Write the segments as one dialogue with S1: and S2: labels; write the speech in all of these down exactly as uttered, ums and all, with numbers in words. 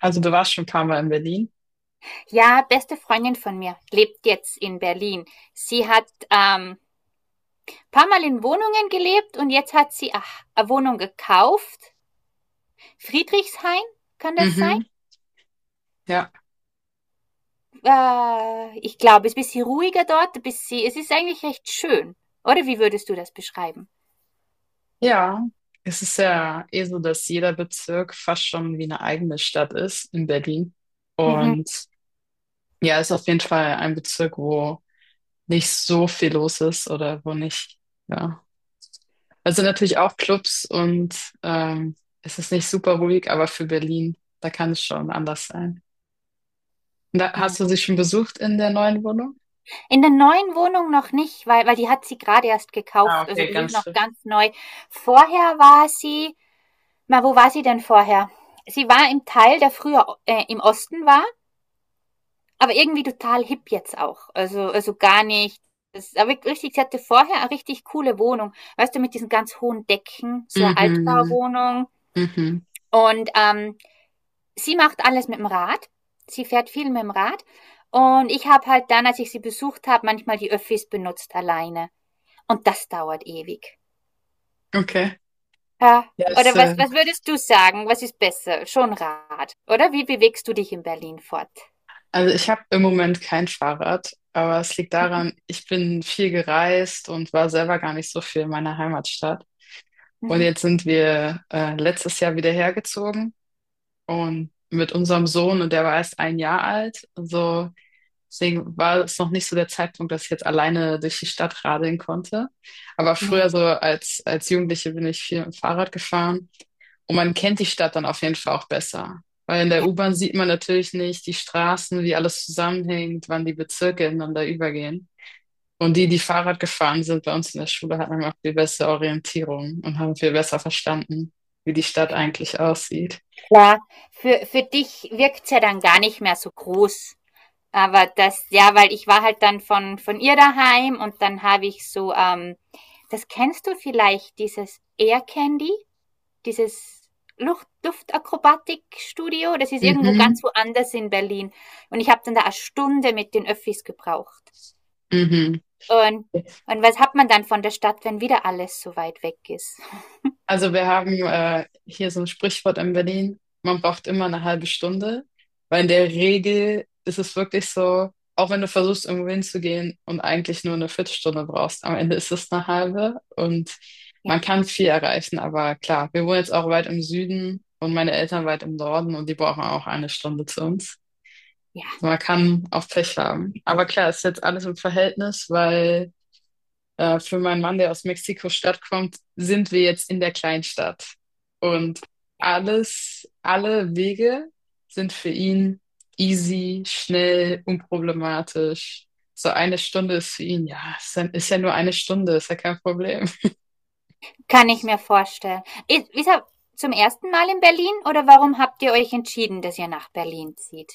S1: Also du warst schon ein paar Mal in Berlin.
S2: Ja, beste Freundin von mir lebt jetzt in Berlin. Sie hat ähm, paar Mal in Wohnungen gelebt und jetzt hat sie ach, eine Wohnung gekauft. Friedrichshain, kann das sein?
S1: Mhm, ja.
S2: Äh, ich glaube, es ist ein bisschen ruhiger dort. Bis sie, es ist eigentlich recht schön. Oder wie würdest du das beschreiben?
S1: Ja, es ist ja eh so, dass jeder Bezirk fast schon wie eine eigene Stadt ist in Berlin.
S2: Mhm.
S1: Und ja, ist auf jeden Fall ein Bezirk, wo nicht so viel los ist oder wo nicht, ja. Also natürlich auch Clubs und ähm, es ist nicht super ruhig, aber für Berlin, da kann es schon anders sein. Und da,
S2: Mhm.
S1: hast du sie schon besucht in der neuen Wohnung?
S2: In der neuen Wohnung noch nicht, weil, weil die hat sie gerade erst
S1: Ah,
S2: gekauft. Also
S1: okay,
S2: das ist
S1: ganz
S2: noch
S1: frisch.
S2: ganz neu. Vorher war sie, na, wo war sie denn vorher? Sie war im Teil, der früher äh, im Osten war. Aber irgendwie total hip jetzt auch. Also, also gar nicht. Das aber richtig, sie hatte vorher eine richtig coole Wohnung. Weißt du, mit diesen ganz hohen Decken, so eine
S1: Mhm,
S2: Altbauwohnung.
S1: mhm.
S2: Und ähm, sie macht alles mit dem Rad. Sie fährt viel mit dem Rad. Und ich habe halt dann, als ich sie besucht habe, manchmal die Öffis benutzt alleine. Und das dauert ewig.
S1: Okay.
S2: Ja.
S1: Ja, es
S2: Oder was,
S1: äh,
S2: was würdest du sagen? Was ist besser? Schon Rad. Oder wie bewegst du dich in Berlin fort?
S1: also ich habe im Moment kein Fahrrad, aber es liegt daran, ich bin viel gereist und war selber gar nicht so viel in meiner Heimatstadt. Und
S2: Mhm.
S1: jetzt sind wir äh, letztes Jahr wieder hergezogen und mit unserem Sohn und der war erst ein Jahr alt. Also deswegen war es noch nicht so der Zeitpunkt, dass ich jetzt alleine durch die Stadt radeln konnte. Aber früher
S2: Nee.
S1: so als als Jugendliche bin ich viel mit dem Fahrrad gefahren. Und man kennt die Stadt dann auf jeden Fall auch besser. Weil in der U-Bahn sieht man natürlich nicht die Straßen, wie alles zusammenhängt, wann die Bezirke ineinander übergehen. Und die, die Fahrrad gefahren sind bei uns in der Schule, hatten auch viel bessere Orientierung und haben viel besser verstanden, wie die Stadt eigentlich aussieht.
S2: Klar, für, für dich wirkt's ja dann gar nicht mehr so groß. Aber das, ja, weil ich war halt dann von, von ihr daheim und dann habe ich so, ähm, das kennst du vielleicht, dieses Air Candy, dieses Luft, Luftakrobatikstudio, das ist irgendwo
S1: Mhm,
S2: ganz woanders in Berlin. Und ich habe dann da eine Stunde mit den Öffis gebraucht.
S1: mhm.
S2: Und, und was hat man dann von der Stadt, wenn wieder alles so weit weg ist?
S1: Also wir haben äh, hier so ein Sprichwort in Berlin, man braucht immer eine halbe Stunde, weil in der Regel ist es wirklich so, auch wenn du versuchst, irgendwo hinzugehen und eigentlich nur eine Viertelstunde brauchst, am Ende ist es eine halbe und
S2: Ja,
S1: man kann viel erreichen, aber klar, wir wohnen jetzt auch weit im Süden und meine Eltern weit im Norden und die brauchen auch eine Stunde zu uns. Also
S2: ja.
S1: man kann auch Pech haben. Aber klar, ist jetzt alles im Verhältnis, weil äh, für meinen Mann, der aus Mexiko-Stadt kommt, sind wir jetzt in der Kleinstadt. Und alles, alle Wege sind für ihn easy, schnell, unproblematisch. So eine Stunde ist für ihn, ja, ist ja, ist ja nur eine Stunde, ist ja kein Problem.
S2: Kann ich mir vorstellen. Ist ist er zum ersten Mal in Berlin oder warum habt ihr euch entschieden, dass ihr nach Berlin zieht?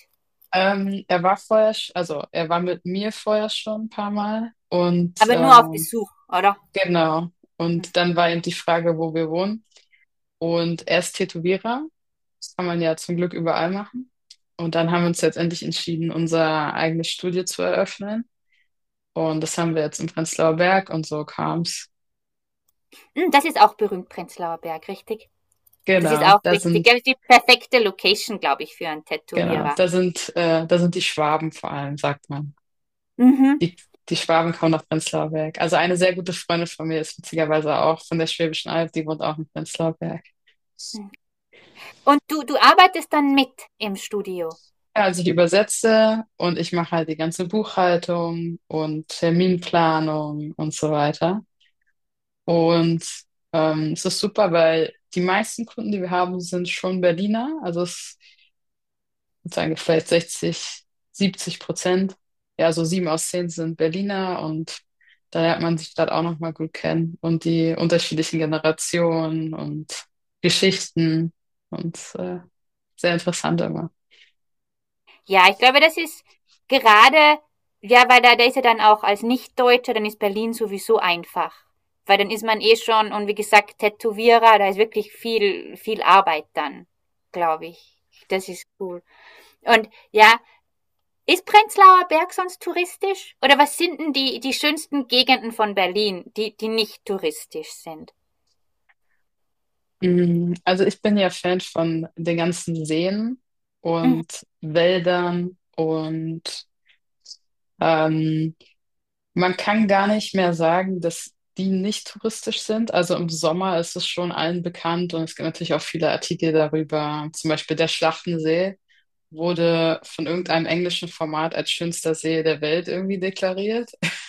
S1: Ähm, er war vorher, sch- also er war mit mir vorher schon ein paar Mal und
S2: Aber nur auf
S1: ähm,
S2: Besuch, oder?
S1: genau.
S2: Hm.
S1: Und dann war eben die Frage, wo wir wohnen. Und er ist Tätowierer. Das kann man ja zum Glück überall machen. Und dann haben wir uns letztendlich entschieden, unser eigenes Studio zu eröffnen. Und das haben wir jetzt im Prenzlauer Berg und so kam's.
S2: Hm, das ist auch berühmt, Prenzlauer Berg, richtig? Das ist
S1: Genau,
S2: auch
S1: da
S2: richtig.
S1: sind,
S2: Das die perfekte Location, glaube ich, für einen
S1: genau,
S2: Tätowierer.
S1: da sind, äh, da sind die Schwaben vor allem, sagt man.
S2: Mhm.
S1: Die, die Schwaben kommen nach Prenzlauer Berg. Also eine sehr gute Freundin von mir ist witzigerweise auch von der Schwäbischen Alb, die wohnt auch in Prenzlauer Berg.
S2: Hm. Und du, du arbeitest dann mit im Studio?
S1: Ja, also ich übersetze und ich mache halt die ganze Buchhaltung und Terminplanung und so weiter. Und ähm, es ist super, weil die meisten Kunden, die wir haben, sind schon Berliner. Also es sozusagen vielleicht sechzig siebzig Prozent. Ja, so sieben aus zehn sind Berliner und da lernt man die Stadt auch nochmal gut kennen und die unterschiedlichen Generationen und Geschichten und äh, sehr interessant immer.
S2: Ja, ich glaube, das ist gerade, ja, weil da, da ist ja dann auch als Nichtdeutscher, dann ist Berlin sowieso einfach. Weil dann ist man eh schon, und wie gesagt, Tätowierer, da ist wirklich viel, viel Arbeit dann, glaube ich. Das ist cool. Und ja, ist Prenzlauer Berg sonst touristisch? Oder was sind denn die, die schönsten Gegenden von Berlin, die, die nicht touristisch sind?
S1: Mm, also ich bin ja Fan von den ganzen Seen
S2: Mhm.
S1: und Wäldern und ähm, man kann gar nicht mehr sagen, dass die nicht touristisch sind. Also im Sommer ist es schon allen bekannt und es gibt natürlich auch viele Artikel darüber. Zum Beispiel der Schlachtensee wurde von irgendeinem englischen Format als schönster See der Welt irgendwie deklariert.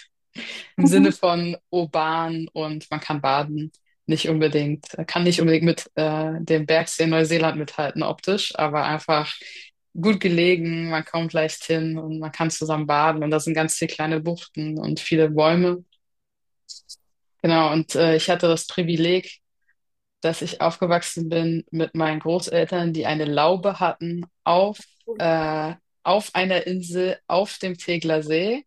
S1: Im Sinne von urban und man kann baden. Nicht unbedingt, kann nicht unbedingt mit äh, dem Bergsee in Neuseeland mithalten optisch, aber einfach gut gelegen, man kommt leicht hin und man kann zusammen baden und da sind ganz viele kleine Buchten und viele Bäume. Genau, und äh, ich hatte das Privileg, dass ich aufgewachsen bin mit meinen Großeltern, die eine Laube hatten auf, äh, auf einer Insel auf dem Tegeler See.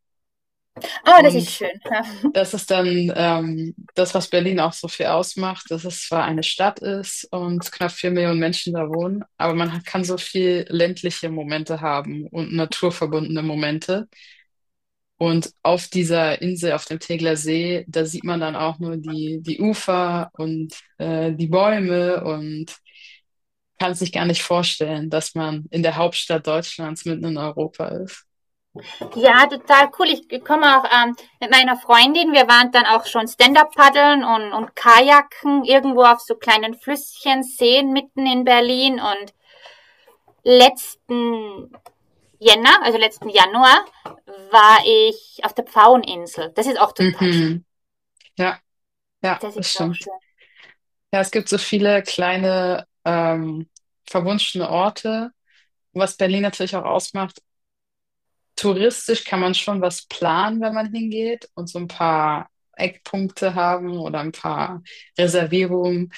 S2: Oh, das ist
S1: Und
S2: schön. Ja.
S1: das ist dann ähm, das, was Berlin auch so viel ausmacht, dass es zwar eine Stadt ist und knapp vier Millionen Menschen da wohnen, aber man kann so viel ländliche Momente haben und naturverbundene Momente. Und auf dieser Insel, auf dem Tegeler See, da sieht man dann auch nur die, die Ufer und äh, die Bäume und kann sich gar nicht vorstellen, dass man in der Hauptstadt Deutschlands mitten in Europa ist.
S2: Ja, total cool. Ich komme auch ähm, mit meiner Freundin. Wir waren dann auch schon Stand-up-Paddeln und, und Kajaken irgendwo auf so kleinen Flüsschen, Seen mitten in Berlin. Und letzten Jänner, also letzten Januar, war ich auf der Pfaueninsel. Das ist auch total schön.
S1: Mhm. Ja, ja,
S2: Das ist
S1: das
S2: auch
S1: stimmt.
S2: schön.
S1: Ja, es gibt so viele kleine ähm, verwunschene Orte, was Berlin natürlich auch ausmacht. Touristisch kann man schon was planen, wenn man hingeht und so ein paar Eckpunkte haben oder ein paar Reservierungen.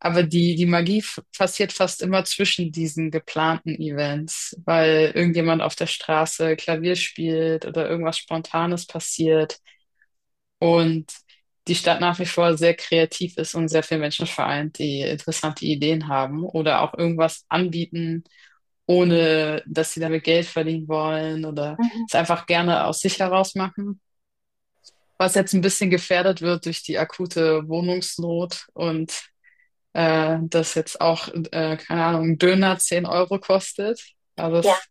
S1: Aber die, die Magie f- passiert fast immer zwischen diesen geplanten Events, weil irgendjemand auf der Straße Klavier spielt oder irgendwas Spontanes passiert und die Stadt nach wie vor sehr kreativ ist und sehr viele Menschen vereint, die interessante Ideen haben oder auch irgendwas anbieten, ohne dass sie damit Geld verdienen wollen oder
S2: Mhm.
S1: es einfach gerne aus sich heraus machen. Was jetzt ein bisschen gefährdet wird durch die akute Wohnungsnot und äh, dass jetzt auch, äh, keine Ahnung, ein Döner zehn Euro kostet. Also
S2: Ja.
S1: das,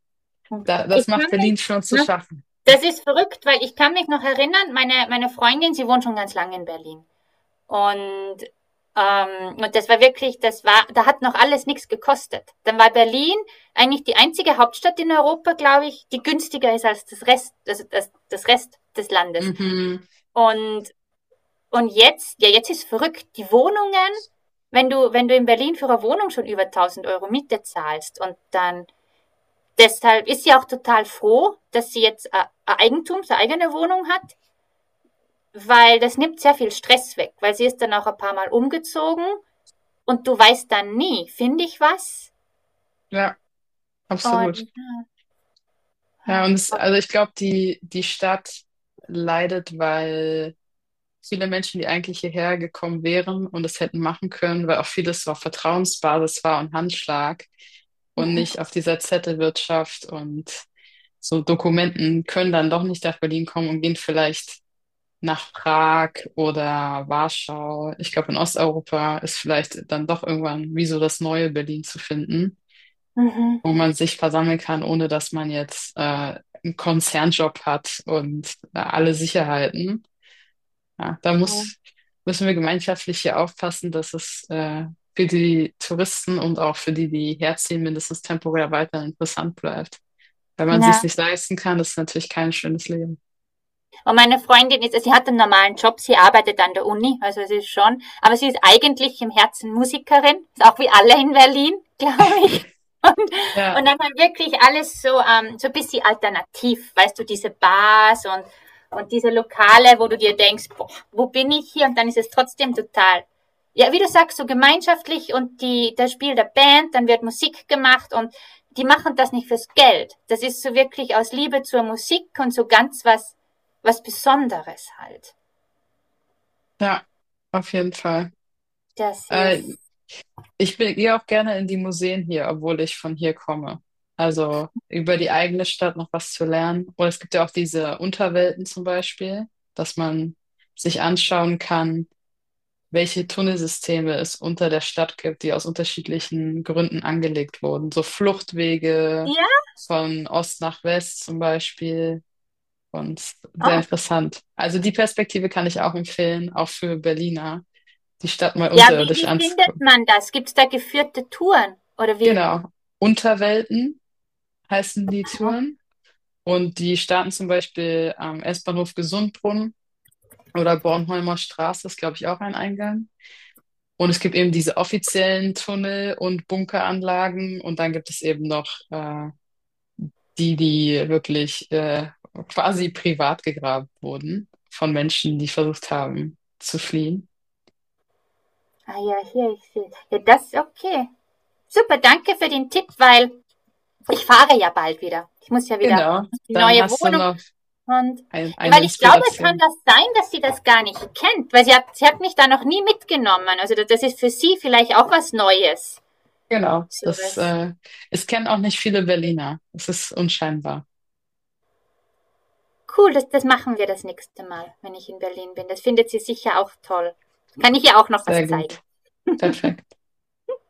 S1: da,
S2: Ich
S1: das macht
S2: kann mich,
S1: Berlin schon zu
S2: ne,
S1: schaffen.
S2: das ist verrückt, weil ich kann mich noch erinnern, meine, meine Freundin, sie wohnt schon ganz lange in Berlin. Und, ähm, und das war wirklich, das war, da hat noch alles nichts gekostet. Dann war Berlin eigentlich die einzige Hauptstadt in Europa, glaube ich, die günstiger ist als das Rest, also das, das Rest des Landes.
S1: Mhm.
S2: Und, und jetzt, ja, jetzt ist verrückt. Die Wohnungen, wenn du, wenn du in Berlin für eine Wohnung schon über tausend Euro Miete zahlst und dann, deshalb ist sie auch total froh, dass sie jetzt äh, ein Eigentum, eine eigene Wohnung hat, weil das nimmt sehr viel Stress weg, weil sie ist dann auch ein paar Mal umgezogen. Und du weißt dann nie, finde ich was?
S1: Ja, absolut.
S2: Und,
S1: Ja, und es, also ich glaube, die, die Stadt leidet, weil viele Menschen, die eigentlich hierher gekommen wären und es hätten machen können, weil auch vieles so auf Vertrauensbasis war und Handschlag und nicht
S2: mhm,
S1: auf dieser Zettelwirtschaft und so Dokumenten können dann doch nicht nach Berlin kommen und gehen vielleicht nach Prag oder Warschau. Ich glaube, in Osteuropa ist vielleicht dann doch irgendwann wie so das neue Berlin zu finden,
S2: mhm,
S1: wo man sich versammeln kann, ohne dass man jetzt äh, einen Konzernjob hat und äh, alle Sicherheiten. Ja, da
S2: mhm.
S1: muss, müssen wir gemeinschaftlich hier aufpassen, dass es äh, für die Touristen und auch für die, die herziehen, mindestens temporär weiter interessant bleibt. Wenn man sich's nicht leisten kann, ist natürlich kein schönes Leben.
S2: Und meine Freundin ist, sie hat einen normalen Job, sie arbeitet an der Uni, also sie ist schon, aber sie ist eigentlich im Herzen Musikerin, ist auch wie alle in Berlin, glaube ich.
S1: Ja,
S2: Und dann war wirklich alles so, ähm, so ein bisschen alternativ, weißt du, diese Bars und, und diese Lokale, wo du dir denkst, boah, wo bin ich hier? Und dann ist es trotzdem total, ja, wie du sagst, so gemeinschaftlich und die, das Spiel der Band, dann wird Musik gemacht und die machen das nicht fürs Geld. Das ist so wirklich aus Liebe zur Musik und so ganz was, was Besonderes halt.
S1: ja, auf jeden Fall.
S2: Das
S1: Äh,
S2: ist,
S1: Ich bin- gehe auch gerne in die Museen hier, obwohl ich von hier komme. Also über die eigene Stadt noch was zu lernen. Oder es gibt ja auch diese Unterwelten zum Beispiel, dass man sich anschauen kann, welche Tunnelsysteme es unter der Stadt gibt, die aus unterschiedlichen Gründen angelegt wurden. So Fluchtwege
S2: ja,
S1: von Ost nach West zum Beispiel. Und sehr
S2: oh.
S1: interessant. Also die Perspektive kann ich auch empfehlen, auch für Berliner, die Stadt mal
S2: Ja, wie,
S1: unterirdisch
S2: wie findet
S1: anzugucken.
S2: man das? Gibt es da geführte Touren? Oder wie,
S1: Genau. Unterwelten heißen die Touren. Und die starten zum Beispiel am S-Bahnhof Gesundbrunnen oder Bornholmer Straße, ist glaube ich auch ein Eingang. Und es gibt eben diese offiziellen Tunnel und Bunkeranlagen und dann gibt es eben noch äh, die, die wirklich äh, quasi privat gegraben wurden von Menschen, die versucht haben zu fliehen.
S2: ah ja, hier, ich sehe. Ja, das ist okay. Super, danke für den Tipp, weil ich fahre ja bald wieder. Ich muss ja wieder
S1: Genau,
S2: in die
S1: dann
S2: neue
S1: hast du
S2: Wohnung
S1: noch
S2: und
S1: ein, eine
S2: weil ich glaube, es kann
S1: Inspiration.
S2: das sein, dass sie das gar nicht kennt, weil sie hat, sie hat mich da noch nie mitgenommen. Also das, das ist für sie vielleicht auch was Neues.
S1: Genau,
S2: So
S1: das
S2: was
S1: äh, es kennen auch nicht viele Berliner. Es ist unscheinbar.
S2: cool, das, das machen wir das nächste Mal, wenn ich in Berlin bin. Das findet sie sicher auch toll. Kann ich ihr auch noch was
S1: Sehr gut,
S2: zeigen.
S1: perfekt.